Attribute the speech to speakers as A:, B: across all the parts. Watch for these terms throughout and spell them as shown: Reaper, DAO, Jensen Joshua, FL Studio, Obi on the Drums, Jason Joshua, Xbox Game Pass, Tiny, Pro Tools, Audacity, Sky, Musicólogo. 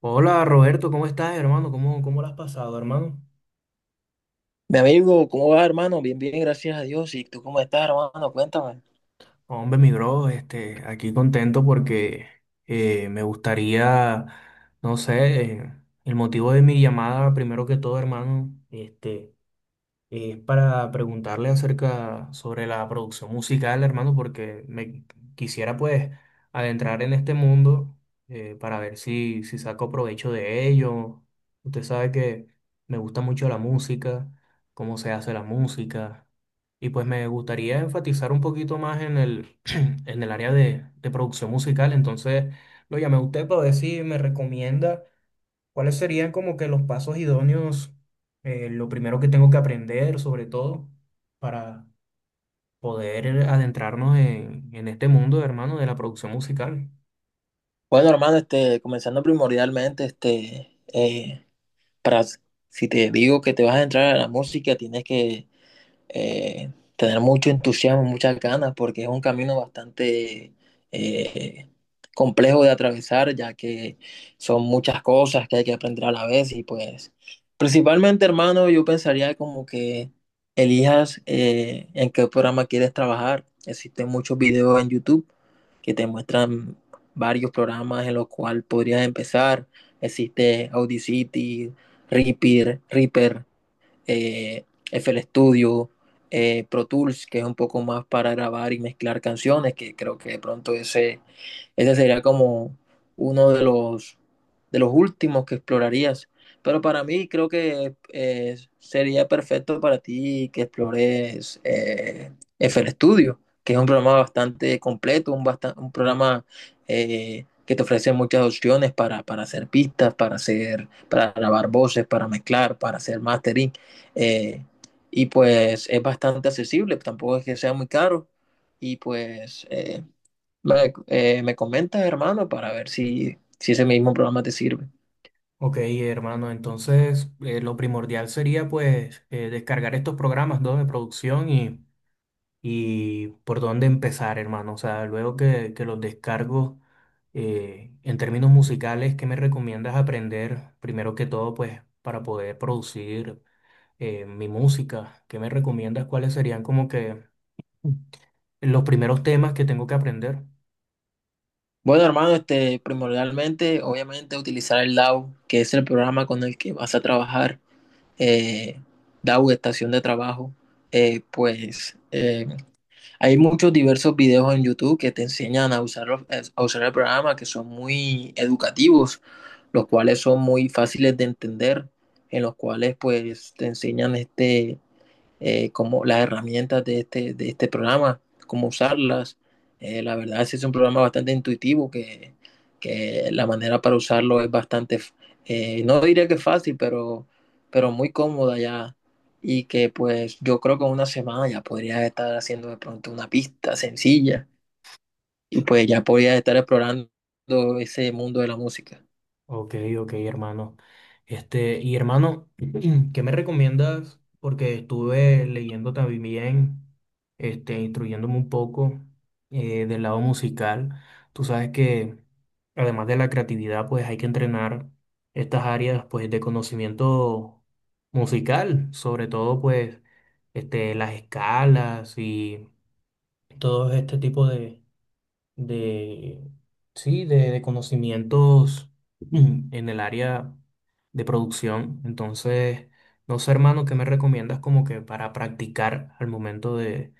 A: Hola Roberto, ¿cómo estás, hermano? ¿Cómo lo has pasado, hermano?
B: Mi amigo, ¿cómo va, hermano? Bien, bien, gracias a Dios. ¿Y tú cómo estás, hermano? Cuéntame.
A: Hombre, mi bro, aquí contento porque me gustaría, no sé, el motivo de mi llamada, primero que todo, hermano, este, es para preguntarle acerca sobre la producción musical, hermano, porque me quisiera pues adentrar en este mundo, para ver si saco provecho de ello. Usted sabe que me gusta mucho la música, cómo se hace la música, y pues me gustaría enfatizar un poquito más en en el área de producción musical. Entonces lo llamé a usted para ver si me recomienda. ¿Cuáles serían como que los pasos idóneos, lo primero que tengo que aprender, sobre todo, para poder adentrarnos en este mundo, hermano, de la producción musical?
B: Bueno, hermano, este, comenzando primordialmente, este, para, si te digo que te vas a entrar a la música, tienes que tener mucho entusiasmo, muchas ganas, porque es un camino bastante eh, complejo de atravesar, ya que son muchas cosas que hay que aprender a la vez y pues principalmente, hermano, yo pensaría como que elijas en qué programa quieres trabajar. Existen muchos videos en YouTube que te muestran varios programas en los cuales podrías empezar. Existe Audacity, Reaper eh, FL Studio, Pro Tools, que es un poco más para grabar y mezclar canciones, que creo que de pronto ese sería como uno de los últimos que explorarías. Pero para mí creo que sería perfecto para ti que explores F l Studio, que es un programa bastante completo, un programa que te ofrece muchas opciones para hacer pistas, para grabar voces, para mezclar, para hacer mastering. eh, y pues es bastante accesible, tampoco es que sea muy caro. Y pues me comentas, hermano, para ver si ese mismo programa te sirve.
A: Ok, hermano, entonces lo primordial sería pues descargar estos programas, ¿no? De producción, y por dónde empezar, hermano. O sea, luego que los descargo, en términos musicales, ¿qué me recomiendas aprender primero que todo pues para poder producir mi música? ¿Qué me recomiendas? ¿Cuáles serían como que los primeros temas que tengo que aprender?
B: Bueno, hermano, este, primordialmente, obviamente, utilizar el DAO, que es el programa con el que vas a trabajar, eh, DAO, estación de trabajo. Eh, pues eh, Hay muchos diversos videos en YouTube que te enseñan a usar, a usar el programa, que son muy educativos, los cuales son muy fáciles de entender, en los cuales pues te enseñan este como las herramientas de este programa, cómo usarlas. La verdad es que es un programa bastante intuitivo que la manera para usarlo es bastante, no diría que fácil, pero muy cómoda ya. Y que pues yo creo que en una semana ya podría estar haciendo de pronto una pista sencilla y pues ya podría estar explorando ese mundo de la música.
A: Ok, ok, hermano. Este, y hermano, ¿qué me recomiendas? Porque estuve leyendo también, este, instruyéndome un poco del lado musical. Tú sabes que además de la creatividad, pues hay que entrenar estas áreas, pues, de conocimiento musical, sobre todo, pues, este, las escalas, todo este tipo de sí, de conocimientos, en el área de producción. Entonces, no sé, hermano, ¿qué me recomiendas como que para practicar al momento de,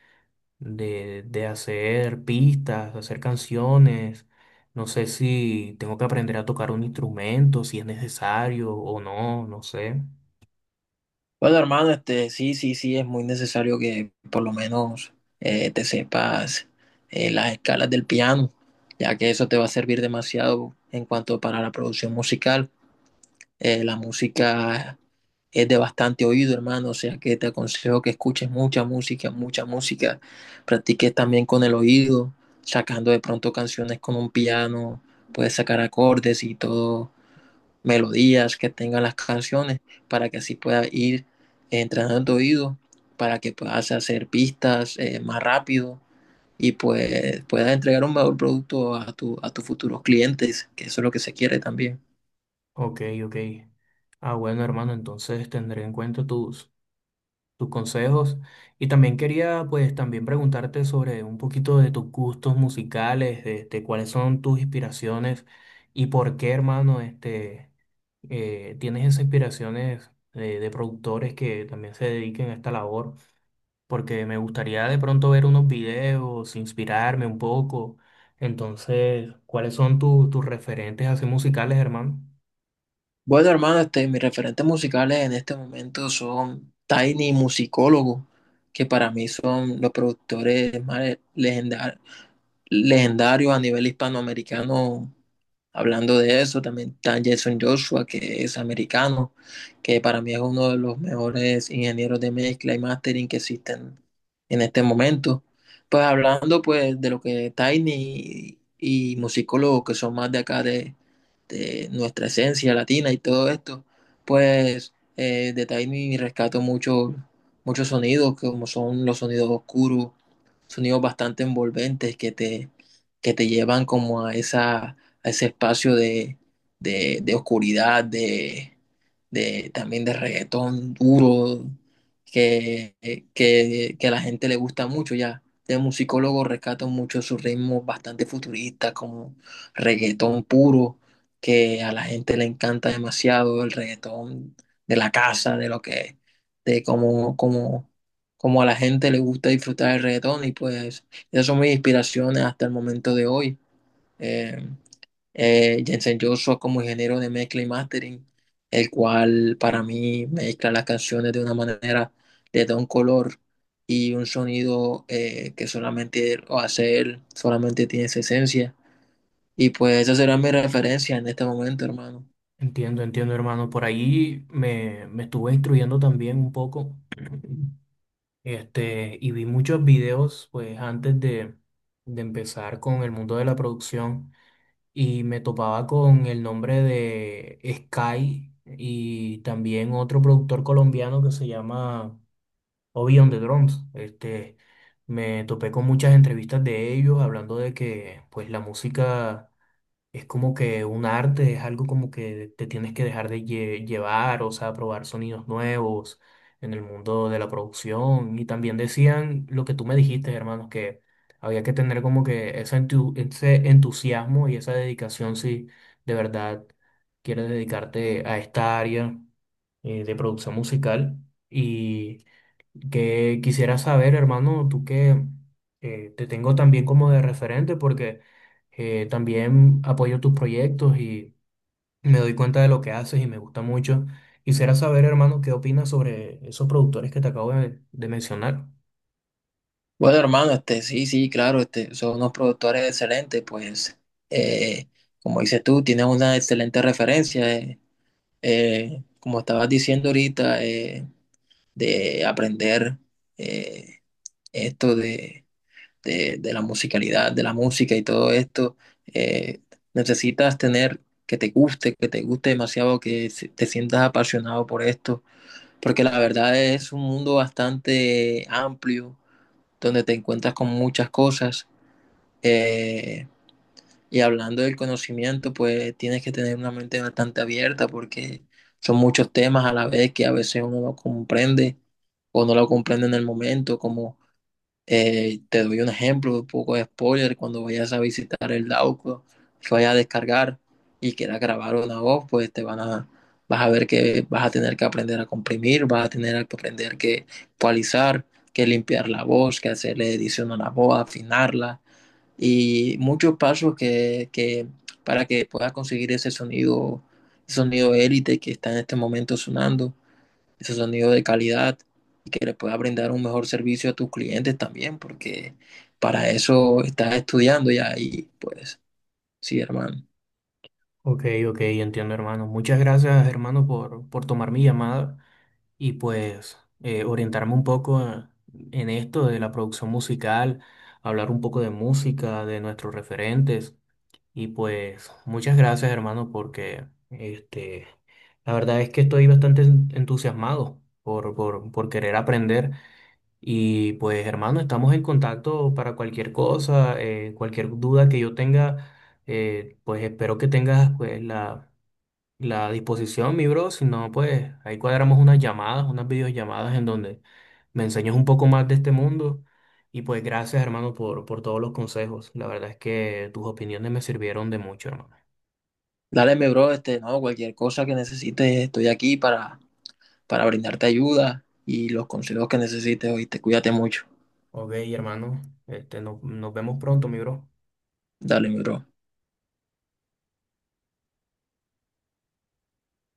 A: de, de hacer pistas, hacer canciones? No sé si tengo que aprender a tocar un instrumento, si es necesario o no, no sé.
B: Bueno, hermano, este, sí, sí, sí, es muy necesario que por lo menos te sepas las escalas del piano, ya que eso te va a servir demasiado en cuanto para la producción musical. La música es de bastante oído, hermano, o sea que te aconsejo que escuches mucha música, mucha música. Practiques también con el oído, sacando de pronto canciones con un piano, puedes sacar acordes y todo melodías que tengan las canciones para que así pueda ir entrenando tu oído, para que puedas hacer pistas más rápido y pues puedas entregar un mejor producto a tus futuros clientes, que eso es lo que se quiere también.
A: Ok, ok. Ah, bueno, hermano, entonces tendré en cuenta tus consejos. Y también quería, pues, también preguntarte sobre un poquito de tus gustos musicales, de cuáles son tus inspiraciones, y por qué, hermano, este, tienes esas inspiraciones de productores que también se dediquen a esta labor, porque me gustaría de pronto ver unos videos, inspirarme un poco. Entonces, ¿cuáles son tus referentes así musicales, hermano?
B: Bueno, hermano, este, mis referentes musicales en este momento son Tiny y Musicólogo, que para mí son los productores más legendarios a nivel hispanoamericano. Hablando de eso, también está Jason Joshua, que es americano, que para mí es uno de los mejores ingenieros de mezcla y mastering que existen en este momento. Pues hablando pues de lo que Tiny y musicólogos que son más de acá de nuestra esencia latina y todo esto, pues de Tiny rescato mucho, muchos sonidos, como son los sonidos oscuros, sonidos bastante envolventes que te llevan como a ese espacio de oscuridad, también de reggaetón duro, que, que a la gente le gusta mucho ya. De musicólogo rescato mucho sus ritmos bastante futuristas, como reggaetón puro, que a la gente le encanta demasiado el reggaetón de la casa, de lo que, de como, como a la gente le gusta disfrutar el reggaetón y pues esas son mis inspiraciones hasta el momento de hoy. Eh, Jensen Joshua como ingeniero de mezcla y mastering, el cual para mí mezcla las canciones de una manera, le da un color y un sonido que solamente él o hace él, solamente tiene esa esencia. Y pues esa será mi referencia en este momento, hermano.
A: Entiendo, entiendo, hermano. Por me estuve instruyendo también un poco. Este, y vi muchos videos, pues, antes de empezar con el mundo de la producción, y me topaba con el nombre de Sky, y también otro productor colombiano que se llama Obi on the Drums. Este, me topé con muchas entrevistas de ellos hablando de que, pues, la música es como que un arte, es algo como que te tienes que dejar de llevar, o sea, probar sonidos nuevos en el mundo de la producción. Y también decían lo que tú me dijiste, hermanos, que había que tener como que ese entusiasmo y esa dedicación si de verdad quieres dedicarte a esta área de producción musical. Y que quisiera saber, hermano, tú que te tengo también como de referente, porque también apoyo tus proyectos, y me doy cuenta de lo que haces y me gusta mucho. Quisiera saber, hermano, qué opinas sobre esos productores que te acabo de mencionar.
B: Bueno, hermano, este, sí, sí, claro, este, son unos productores excelentes, pues, eh, como dices tú, tienes una excelente referencia, como estabas diciendo ahorita, de aprender eh, esto de la musicalidad, de la música y todo esto, eh, necesitas tener que te guste demasiado, te sientas apasionado por esto, porque la verdad es un mundo bastante amplio, donde te encuentras con muchas cosas eh, y hablando del conocimiento, pues tienes que tener una mente bastante abierta porque son muchos temas a la vez que a veces uno no comprende o no lo comprende en el momento, como te doy un ejemplo, un poco de spoiler, cuando vayas a visitar el Dauco, que vayas a descargar y quieras grabar una voz, pues vas a ver que vas a tener que aprender a comprimir, vas a tener que aprender que cualizar, que limpiar la voz, que hacerle edición a la voz, afinarla y muchos pasos que para que puedas conseguir ese sonido élite que está en este momento sonando, ese sonido de calidad y que le puedas brindar un mejor servicio a tus clientes también, porque para eso estás estudiando ya y pues sí, hermano.
A: Ok, ok, entiendo, hermano. Muchas gracias, hermano, por tomar mi llamada, y pues orientarme un poco en esto de la producción musical, hablar un poco de música, de nuestros referentes. Y pues muchas gracias, hermano, porque este, la verdad es que estoy bastante entusiasmado por querer aprender. Y pues, hermano, estamos en contacto para cualquier cosa, cualquier duda que yo tenga. Eh, pues espero que tengas pues, la disposición, mi bro. Si no, pues ahí cuadramos unas llamadas, unas videollamadas en donde me enseñes un poco más de este mundo. Y pues gracias, hermano, por todos los consejos. La verdad es que tus opiniones me sirvieron de mucho, hermano.
B: Dale, mi bro, este, no, cualquier cosa que necesites, estoy aquí para brindarte ayuda y los consejos que necesites, oíste, cuídate mucho.
A: Ok, hermano, este, nos vemos pronto, mi bro.
B: Dale, mi bro.